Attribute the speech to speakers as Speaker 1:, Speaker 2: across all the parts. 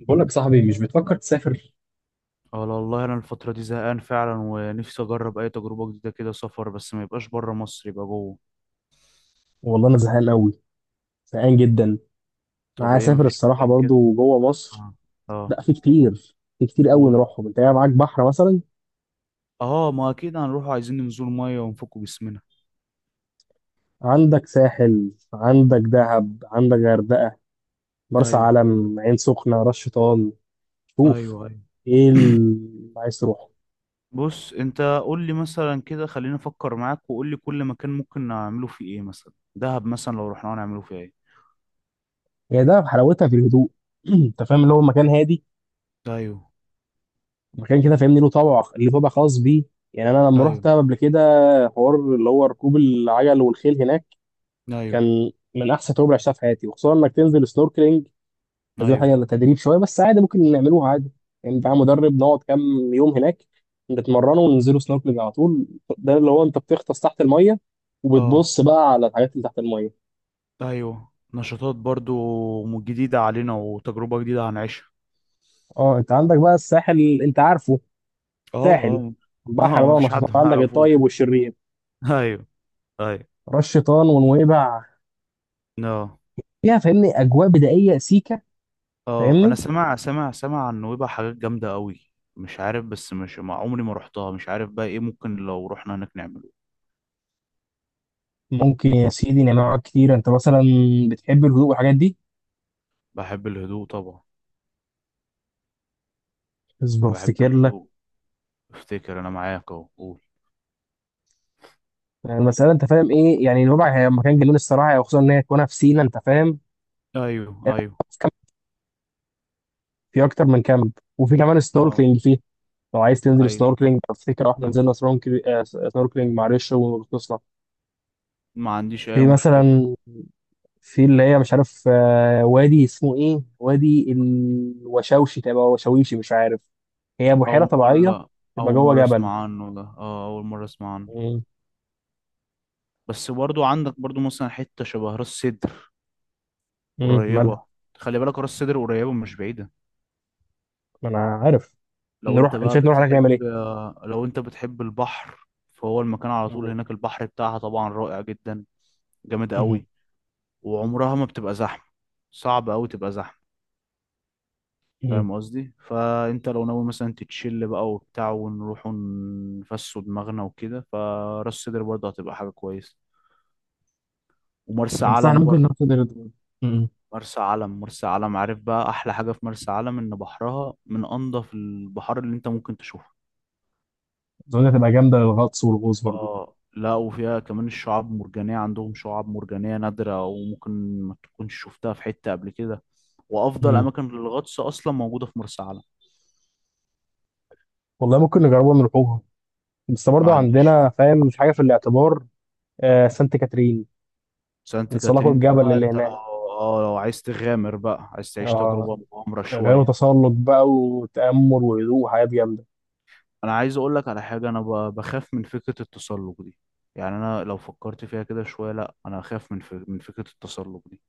Speaker 1: بقول لك صاحبي، مش بتفكر تسافر؟
Speaker 2: اه، والله انا الفترة دي زهقان فعلا ونفسي اجرب اي تجربة جديدة كده، سفر بس ما يبقاش بره مصر، يبقى جوه.
Speaker 1: والله انا زهقان قوي، زهقان جدا. انا
Speaker 2: طب
Speaker 1: عايز
Speaker 2: ايه،
Speaker 1: اسافر
Speaker 2: مفيش
Speaker 1: الصراحه
Speaker 2: مكان كده؟
Speaker 1: برضو جوه مصر.
Speaker 2: اه، اه،
Speaker 1: لا، في كتير قوي
Speaker 2: قولوا.
Speaker 1: نروحهم. انت قاعد معاك بحر مثلا.
Speaker 2: اه، ما اكيد هنروح، عايزين ننزل مية ونفكوا جسمنا.
Speaker 1: عندك ساحل، عندك دهب، عندك غردقه، مرسى
Speaker 2: ايوه،
Speaker 1: علم، عين سخنه، راس شيطان.
Speaker 2: ايوه،
Speaker 1: شوف،
Speaker 2: ايوه،
Speaker 1: ايه اللي عايز تروحه؟
Speaker 2: بص انت قول لي مثلا كده، خليني افكر معاك وقول لي كل مكان ممكن نعمله فيه ايه. مثلا دهب، مثلا لو رحنا هنعمله فيه ايه؟
Speaker 1: هي ده حلاوتها في الهدوء. انت فاهم اللي هو مكان هادي،
Speaker 2: ايوه،
Speaker 1: مكان كده فاهمني، له طابع، ليه طابع خاص بيه. يعني انا لما رحت
Speaker 2: ايوه،
Speaker 1: دهب قبل كده، حوار اللي هو ركوب العجل والخيل هناك
Speaker 2: ايوه،
Speaker 1: كان من احسن تجربه اللي عشتها في حياتي، وخصوصا انك تنزل سنوركلينج. بس دي
Speaker 2: ايوه،
Speaker 1: حاجه تدريب شويه بس، عادي، ممكن نعملوها عادي. يعني بقى مدرب، نقعد كام يوم هناك، نتمرنوا وننزلوا سنوركلينج على طول. ده اللي هو انت بتغطس تحت الميه،
Speaker 2: اه،
Speaker 1: وبتبص بقى على الحاجات اللي تحت الميه.
Speaker 2: ايوه، نشاطات برضو جديدة علينا وتجربة جديدة هنعيشها.
Speaker 1: اه، انت عندك بقى الساحل، انت عارفه،
Speaker 2: اه،
Speaker 1: ساحل
Speaker 2: اه،
Speaker 1: البحر
Speaker 2: اه،
Speaker 1: بقى،
Speaker 2: مفيش
Speaker 1: نشاطات،
Speaker 2: حد ما
Speaker 1: عندك الطيب
Speaker 2: يعرفوش.
Speaker 1: والشرير،
Speaker 2: ايوه، ايوه.
Speaker 1: راس شيطان ونويبع،
Speaker 2: اه،
Speaker 1: فيها فاهمني اجواء بدائيه سيكه،
Speaker 2: اه، انا
Speaker 1: فاهمني.
Speaker 2: سمع عن نويبع حاجات جامده قوي. مش عارف، بس مش مع عمري ما رحتها. مش عارف بقى ايه ممكن لو رحنا هناك نعمله.
Speaker 1: ممكن يا سيدي نعمل حاجات كتير. انت مثلا بتحب الهدوء والحاجات دي؟
Speaker 2: بحب الهدوء طبعا.
Speaker 1: اصبر
Speaker 2: بحب
Speaker 1: افتكر لك.
Speaker 2: الهدوء. افتكر انا معاك، اهو قول.
Speaker 1: يعني المسألة أنت فاهم إيه؟ يعني نوبع هي مكان جنون الصراحة، وخصوصا إن هي تكونها في سينا، أنت فاهم.
Speaker 2: ايوه، ايوه،
Speaker 1: في كام- في أكتر من كامب، وفي كمان
Speaker 2: اه،
Speaker 1: سنوركلينج فيه. لو عايز تنزل
Speaker 2: ايوه،
Speaker 1: سنوركلينج، أفتكر إحنا نزلنا سنوركلينج، سنوركلينج مع ريش وغطسنا.
Speaker 2: ما عنديش اي
Speaker 1: في
Speaker 2: مشكله.
Speaker 1: مثلا، في اللي هي مش عارف، وادي اسمه إيه، وادي الوشوشي، تبقى وشويشي، مش عارف. هي بحيرة
Speaker 2: اول
Speaker 1: طبيعية
Speaker 2: مره
Speaker 1: تبقى
Speaker 2: اول
Speaker 1: جوه
Speaker 2: مره
Speaker 1: جبل.
Speaker 2: اسمع عنه ده. اه، اول مره اسمع عنه.
Speaker 1: مم.
Speaker 2: بس برضو عندك برضو مثلا حته شبه راس سدر
Speaker 1: مم. مالها؟
Speaker 2: قريبه. خلي بالك، راس سدر قريبه مش بعيده.
Speaker 1: ما أنا عارف.
Speaker 2: لو
Speaker 1: نروح
Speaker 2: انت
Speaker 1: أنت
Speaker 2: بقى
Speaker 1: شايف نروح هناك نعمل إيه؟
Speaker 2: بتحب لو انت بتحب البحر، فهو المكان على طول
Speaker 1: مم.
Speaker 2: هناك. البحر بتاعها طبعا رائع جدا، جامد
Speaker 1: مم.
Speaker 2: قوي. وعمرها ما بتبقى زحمة، صعب قوي تبقى زحمة، فاهم قصدي. فانت لو ناوي مثلا تتشل بقى وبتاع ونروح نفسوا دماغنا وكده، فراس سدر برضه هتبقى حاجة كويسة، ومرسى
Speaker 1: مم. بس إحنا
Speaker 2: علم
Speaker 1: ممكن
Speaker 2: برضه.
Speaker 1: ناخد مم.
Speaker 2: مرسى علم، عارف بقى احلى حاجة في مرسى علم؟ ان بحرها من انضف البحار اللي انت ممكن تشوفه.
Speaker 1: اظن هتبقى جامده للغطس والغوص برضه.
Speaker 2: اه، لا، وفيها كمان الشعاب مرجانية، عندهم شعاب مرجانية نادرة وممكن ما تكونش شفتها في حتة قبل كده. وأفضل
Speaker 1: مم.
Speaker 2: أماكن للغطس أصلا موجودة في مرسى علم.
Speaker 1: والله ممكن نجربها ونروحوها، بس
Speaker 2: ما
Speaker 1: برضه
Speaker 2: عنديش
Speaker 1: عندنا
Speaker 2: ما
Speaker 1: فاهم
Speaker 2: عنديش
Speaker 1: في حاجه في
Speaker 2: مشكلة.
Speaker 1: الاعتبار، سانت كاترين،
Speaker 2: سانت
Speaker 1: نتسلقوا
Speaker 2: كاترين دي
Speaker 1: الجبل
Speaker 2: بقى.
Speaker 1: اللي
Speaker 2: أنت لو
Speaker 1: هناك.
Speaker 2: اه، لو عايز تغامر بقى، عايز تعيش
Speaker 1: اه،
Speaker 2: تجربة مغامرة
Speaker 1: اللي هو
Speaker 2: شوية.
Speaker 1: تسلق بقى وتامل وهدوء وحاجات جامده.
Speaker 2: أنا عايز أقول لك على حاجة، أنا بخاف من فكرة التسلق دي. يعني أنا لو فكرت فيها كده شوية، لا أنا أخاف من فكرة التسلق دي.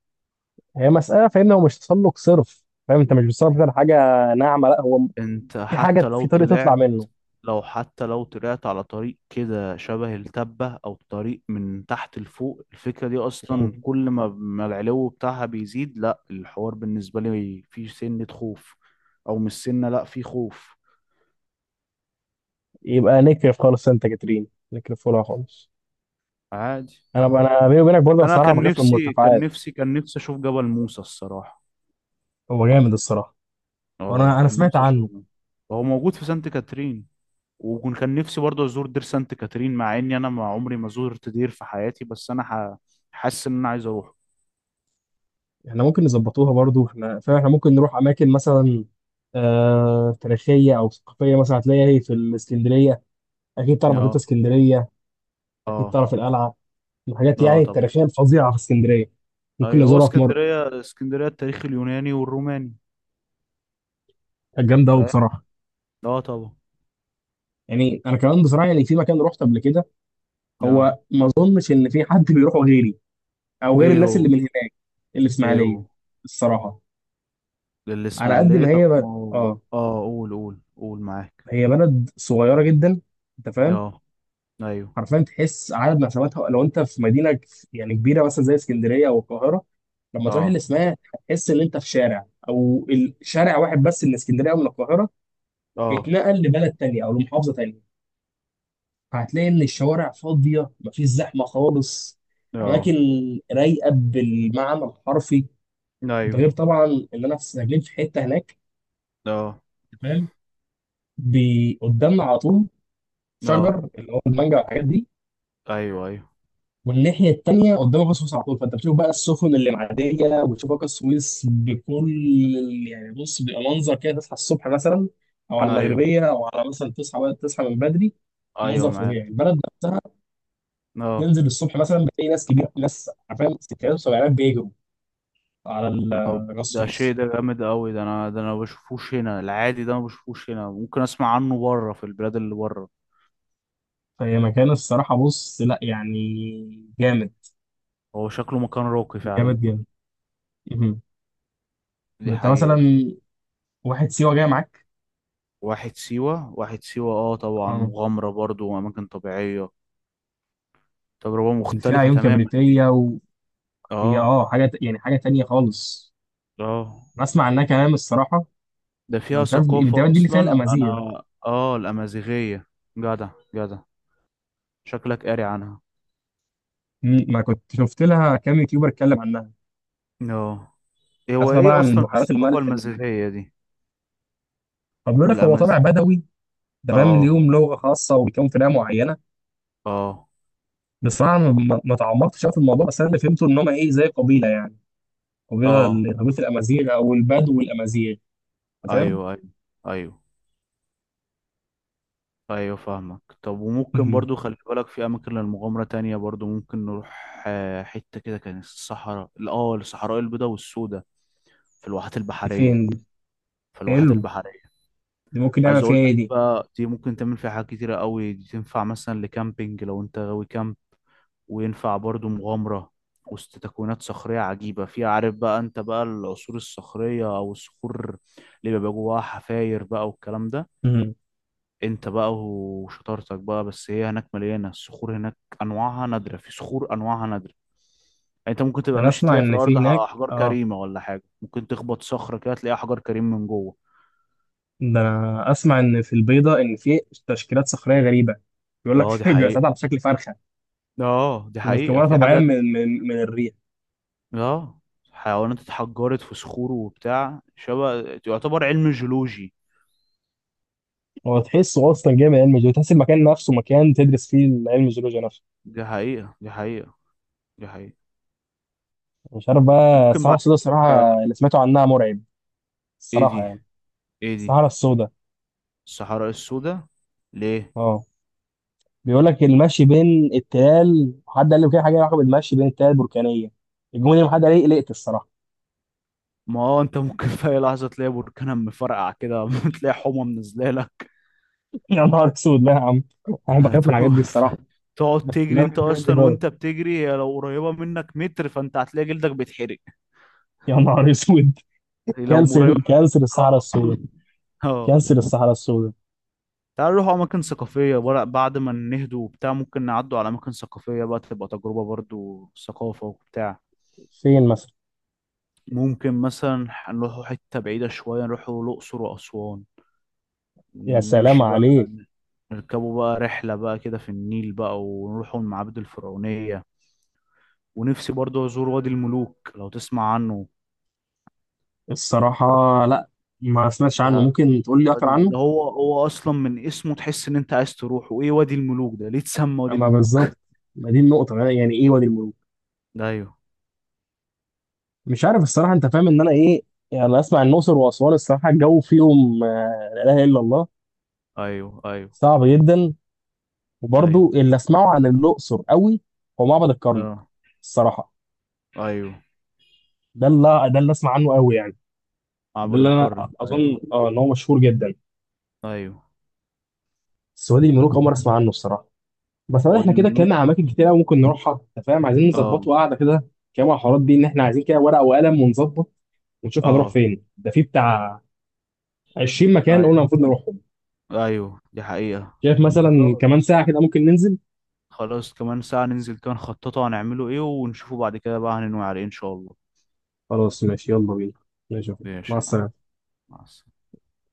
Speaker 1: هي مساله فاهم، هو مش تسلق صرف، فاهم انت مش بتسلق على حاجه ناعمه، لا، هو
Speaker 2: أنت
Speaker 1: في
Speaker 2: حتى
Speaker 1: حاجه،
Speaker 2: لو
Speaker 1: في طريق تطلع
Speaker 2: طلعت
Speaker 1: منه.
Speaker 2: لو حتى لو طلعت على طريق كده شبه التبة أو طريق من تحت لفوق، الفكرة دي أصلا
Speaker 1: مم.
Speaker 2: كل ما العلو بتاعها بيزيد، لا الحوار بالنسبة لي فيه سنة خوف. أو مش سنة، لا فيه خوف.
Speaker 1: يبقى نكرف خالص سانت كاترين، نكرف لها خالص.
Speaker 2: عادي.
Speaker 1: انا بيني وبينك برضه
Speaker 2: أنا
Speaker 1: الصراحه
Speaker 2: كان
Speaker 1: بخاف من
Speaker 2: نفسي كان
Speaker 1: المرتفعات.
Speaker 2: نفسي كان نفسي أشوف جبل موسى الصراحة.
Speaker 1: هو جامد الصراحه.
Speaker 2: اه،
Speaker 1: وانا انا
Speaker 2: كان
Speaker 1: سمعت
Speaker 2: نفسي
Speaker 1: عنه.
Speaker 2: أشوفه. هو موجود في سانت كاترين. وكان نفسي برضه أزور دير سانت كاترين، مع إني أنا ما عمري ما زرت دير في حياتي. بس أنا حاسس إن أنا عايز أروح.
Speaker 1: احنا ممكن نظبطوها برضو. فاحنا ممكن نروح اماكن، مثلا تاريخيه او ثقافيه، مثلا هتلاقيها هي في الاسكندريه. اكيد تعرف مكتبه
Speaker 2: اه،
Speaker 1: اسكندريه، اكيد
Speaker 2: اه،
Speaker 1: تعرف القلعه، الحاجات
Speaker 2: اه
Speaker 1: يعني
Speaker 2: طبعا.
Speaker 1: التاريخيه الفظيعه في اسكندريه. ممكن
Speaker 2: ايوه، هو
Speaker 1: نزورها في مره،
Speaker 2: اسكندريه التاريخ اليوناني والروماني.
Speaker 1: كانت جامده قوي
Speaker 2: فاهم.
Speaker 1: بصراحه.
Speaker 2: اه، طبعا.
Speaker 1: يعني انا كمان بصراحه، يعني في مكان رحت قبل كده،
Speaker 2: اه،
Speaker 1: هو ما اظنش ان في حد بيروحه غيري او غير
Speaker 2: ايه
Speaker 1: الناس
Speaker 2: هو
Speaker 1: اللي من هناك، اللي في
Speaker 2: ايه هو
Speaker 1: اسماعيليه الصراحه. على قد
Speaker 2: الاسماعيليه؟
Speaker 1: ما
Speaker 2: طب
Speaker 1: هي
Speaker 2: ما
Speaker 1: بلد،
Speaker 2: هو. اه، قول قول قول معاك.
Speaker 1: هي بلد صغيره جدا، انت فاهم.
Speaker 2: اه، ايوه،
Speaker 1: حرفيا تحس عدد نفساتها. لو انت في يعني كبيره مثلا زي اسكندريه او القاهره، لما تروح
Speaker 2: اه،
Speaker 1: الاسماعيليه هتحس ان انت في شارع، او شارع واحد بس من اسكندريه او من القاهره
Speaker 2: اه،
Speaker 1: اتنقل لبلد تانية او لمحافظه تانية. فهتلاقي ان الشوارع فاضيه، مفيش زحمه خالص. اماكن
Speaker 2: اه،
Speaker 1: رايقه بالمعنى الحرفي. ده غير
Speaker 2: ايوه،
Speaker 1: طبعا ان انا في ساكنين في حته هناك،
Speaker 2: اه،
Speaker 1: تمام، قدامنا على طول
Speaker 2: اه،
Speaker 1: شجر اللي هو المانجا والحاجات دي.
Speaker 2: ايوه، ايوه،
Speaker 1: والناحية التانية قدامك السويس على طول، فأنت بتشوف بقى السفن اللي معدية، وتشوف بقى السويس بكل يعني، بص، بيبقى منظر كده تصحى الصبح مثلا، أو على
Speaker 2: ايوه،
Speaker 1: المغربية، أو على مثلا تصحى بقى، تصحى من بدري.
Speaker 2: ايوه
Speaker 1: منظر
Speaker 2: معاك.
Speaker 1: فظيع البلد نفسها.
Speaker 2: اه.
Speaker 1: تنزل الصبح مثلا بتلاقي ناس كبيرة، ناس عارفين ستينات وسبعينات بيجروا على
Speaker 2: طب
Speaker 1: على
Speaker 2: ده
Speaker 1: السويس.
Speaker 2: شيء، ده جامد قوي، ده انا ما بشوفوش هنا، العادي ده ما بشوفوش هنا. ممكن اسمع عنه بره، في البلاد اللي بره.
Speaker 1: فهي مكان الصراحة بص، لا يعني، جامد،
Speaker 2: هو شكله مكان راقي فعلا.
Speaker 1: جامد جامد. مهم.
Speaker 2: دي
Speaker 1: أنت مثلا
Speaker 2: حقيقة.
Speaker 1: واحد سيوة جاي معاك،
Speaker 2: واحد سيوة. اه طبعا،
Speaker 1: اه
Speaker 2: مغامرة برضو وأماكن طبيعية. تجربة
Speaker 1: اللي فيها
Speaker 2: مختلفة
Speaker 1: عيون
Speaker 2: تماما دي.
Speaker 1: كبريتية، هي
Speaker 2: اه،
Speaker 1: حاجة يعني حاجة تانية خالص.
Speaker 2: اه.
Speaker 1: أنا أسمع عنها كلام الصراحة.
Speaker 2: ده
Speaker 1: أنا
Speaker 2: فيها
Speaker 1: مش عارف، دي
Speaker 2: ثقافة
Speaker 1: تقريبا دي اللي فيها
Speaker 2: أصلا،
Speaker 1: الأمازيغ.
Speaker 2: أنا. اه، الأمازيغية. جدع، جدع، شكلك قاري عنها.
Speaker 1: ما كنت شفت لها كام يوتيوبر اتكلم عنها.
Speaker 2: اه، هو
Speaker 1: أسمع بقى
Speaker 2: ايه
Speaker 1: عن
Speaker 2: أصلا
Speaker 1: بحيرات
Speaker 2: الثقافة
Speaker 1: الملح اللي هناك،
Speaker 2: المازيغية دي؟
Speaker 1: فبيقول لك هو طابع
Speaker 2: الأماز
Speaker 1: بدوي، ده فاهم
Speaker 2: اه،
Speaker 1: ليهم لغة خاصة وبيكون في لغة معينة.
Speaker 2: اه،
Speaker 1: بصراحة أنا ما تعمقتش أوي في الموضوع، بس أنا اللي فهمته إن هم إيه زي قبيلة، يعني قبيلة
Speaker 2: اه،
Speaker 1: قبيلة الأمازيغ، أو البدو والأمازيغ، أنت فاهم؟
Speaker 2: أيوه، أيوه، أيوه. ايوه، فاهمك. طب وممكن
Speaker 1: مم،
Speaker 2: برضو، خلي بالك، في اماكن للمغامرة تانية برضو ممكن نروح، حتة كده كانت الصحراء البيضاء والسوداء، في الواحات
Speaker 1: دي
Speaker 2: البحرية.
Speaker 1: فين دي؟
Speaker 2: في الواحات
Speaker 1: حلو،
Speaker 2: البحرية
Speaker 1: دي ممكن نعمل
Speaker 2: عايز
Speaker 1: فيها
Speaker 2: اقول
Speaker 1: إيه
Speaker 2: لك
Speaker 1: دي؟
Speaker 2: بقى، دي ممكن تعمل فيها حاجات كتيرة قوي. دي تنفع مثلا لكامبينج لو انت غاوي كامب، وينفع برضو مغامرة وسط تكوينات صخرية عجيبة فيها. عارف بقى انت بقى العصور الصخرية او الصخور اللي بيبقى جواها حفاير بقى والكلام ده.
Speaker 1: مم،
Speaker 2: انت بقى وشطارتك بقى. بس هي هناك مليانه، الصخور هناك انواعها نادره، في صخور انواعها نادره. يعني انت ممكن
Speaker 1: ده
Speaker 2: تبقى
Speaker 1: أنا
Speaker 2: ماشي
Speaker 1: أسمع
Speaker 2: تلاقي في
Speaker 1: إن في
Speaker 2: الارض
Speaker 1: هناك،
Speaker 2: احجار
Speaker 1: آه
Speaker 2: كريمه ولا حاجه، ممكن تخبط صخره كده تلاقي احجار كريم من جوه.
Speaker 1: ده انا اسمع ان في البيضه ان في تشكيلات صخريه غريبه، بيقول لك
Speaker 2: اه، دي
Speaker 1: بيبقى ساعات
Speaker 2: حقيقه.
Speaker 1: على شكل فرخه،
Speaker 2: اه دي حقيقه
Speaker 1: ومتكونه
Speaker 2: في
Speaker 1: طبيعيا
Speaker 2: حاجات،
Speaker 1: من الريح.
Speaker 2: اه حيوانات اتحجرت في صخور وبتاع، شبه يعتبر علم جيولوجي.
Speaker 1: هو تحسه اصلا جاي من علم الجيولوجيا، تحس المكان نفسه مكان تدرس فيه علم الجيولوجيا نفسه.
Speaker 2: دي حقيقه، دي حقيقه، دي حقيقه.
Speaker 1: مش عارف بقى
Speaker 2: ممكن
Speaker 1: الصحراء
Speaker 2: بعد
Speaker 1: السوداء،
Speaker 2: كده.
Speaker 1: الصراحه اللي سمعته عنها مرعب
Speaker 2: ايه
Speaker 1: الصراحه
Speaker 2: دي
Speaker 1: يعني.
Speaker 2: ايه دي
Speaker 1: الصحراء السوداء،
Speaker 2: الصحراء السوداء، ليه؟
Speaker 1: اه بيقول لك المشي بين التلال، حد قال لي كده حاجه لها علاقه بالمشي بين التلال البركانيه، الجمله دي حد قال لي قلقت الصراحه.
Speaker 2: ما هو انت ممكن في اي لحظه تلاقي بركان مفرقع كده، تلاقي حمى منزله لك.
Speaker 1: يا نهار اسود، لا يا عم، انا بخاف من الحاجات دي
Speaker 2: هتقف،
Speaker 1: الصراحه.
Speaker 2: تقعد تجري.
Speaker 1: لا،
Speaker 2: انت
Speaker 1: بخاف من الحاجات دي
Speaker 2: اصلا
Speaker 1: خالص.
Speaker 2: وانت بتجري، هي لو قريبه منك متر، فانت هتلاقي جلدك بيتحرق
Speaker 1: يا نهار اسود،
Speaker 2: لو قريبه.
Speaker 1: كانسر كانسر الصحراء
Speaker 2: اه،
Speaker 1: السوداء،
Speaker 2: اه،
Speaker 1: كانسر الصحراء السوداء.
Speaker 2: تعالوا نروح اماكن ثقافيه بقى، بعد ما نهدوا وبتاع ممكن نعدوا على اماكن ثقافيه بقى، تبقى تجربه برضو ثقافه وبتاع.
Speaker 1: فين مثلا؟
Speaker 2: ممكن مثلا نروحوا حته بعيده شويه، نروحوا الاقصر واسوان.
Speaker 1: يا سلام
Speaker 2: نمشي بقى،
Speaker 1: عليك.
Speaker 2: نركبوا بقى رحلة بقى كده في النيل بقى ونروحوا المعابد الفرعونية. ونفسي برضو أزور وادي الملوك لو تسمع عنه.
Speaker 1: الصراحة لا، ما سمعتش عنه،
Speaker 2: ده
Speaker 1: ممكن تقول لي أكتر
Speaker 2: وادي
Speaker 1: عنه.
Speaker 2: ده هو أصلا من اسمه تحس إن أنت عايز تروح. وإيه وادي الملوك ده؟ ليه اتسمى وادي
Speaker 1: أما
Speaker 2: الملوك؟
Speaker 1: بالظبط، ما دي النقطة أنا، يعني إيه وادي الملوك؟
Speaker 2: ده، أيوه،
Speaker 1: مش عارف الصراحة، أنت فاهم إن أنا إيه. يعني أنا أسمع الأقصر وأسوان، الصراحة الجو فيهم لا إله إلا الله،
Speaker 2: أيوه، أيوه،
Speaker 1: صعب جدا.
Speaker 2: أيوه،
Speaker 1: وبرضه اللي أسمعه عن الأقصر قوي هو معبد الكرنك
Speaker 2: أه،
Speaker 1: الصراحة.
Speaker 2: أيوه.
Speaker 1: ده اللي أسمع عنه قوي يعني، ده
Speaker 2: معبد
Speaker 1: اللي
Speaker 2: الكرنك،
Speaker 1: أنا
Speaker 2: أيوه،
Speaker 1: أظن إن هو مشهور جدا.
Speaker 2: أيوه.
Speaker 1: بس وادي الملوك أول مرة أسمع عنه الصراحة. بس والله احنا
Speaker 2: وادي
Speaker 1: كده
Speaker 2: الملوك،
Speaker 1: اتكلمنا على اماكن كتير قوي ممكن نروحها، انت فاهم، عايزين
Speaker 2: أه،
Speaker 1: نظبطه، قاعده كده كام على الحوارات دي، ان احنا عايزين كده ورقه وقلم ونظبط، ونشوف هنروح
Speaker 2: أه،
Speaker 1: فين. ده في بتاع 20 مكان
Speaker 2: أيوه،
Speaker 1: قلنا المفروض نروحهم.
Speaker 2: أيوه، دي حقيقة.
Speaker 1: شايف مثلا كمان
Speaker 2: خلاص،
Speaker 1: ساعه كده ممكن ننزل؟
Speaker 2: خلاص، كمان ساعة ننزل كده نخططه هنعمله ايه، ونشوفه بعد كده بقى هننوي على ايه ان شاء الله.
Speaker 1: خلاص، ماشي، يلا بينا. ماشي يا أخوي. مع
Speaker 2: ماشي يا معلم،
Speaker 1: السلامه.
Speaker 2: مع السلامة.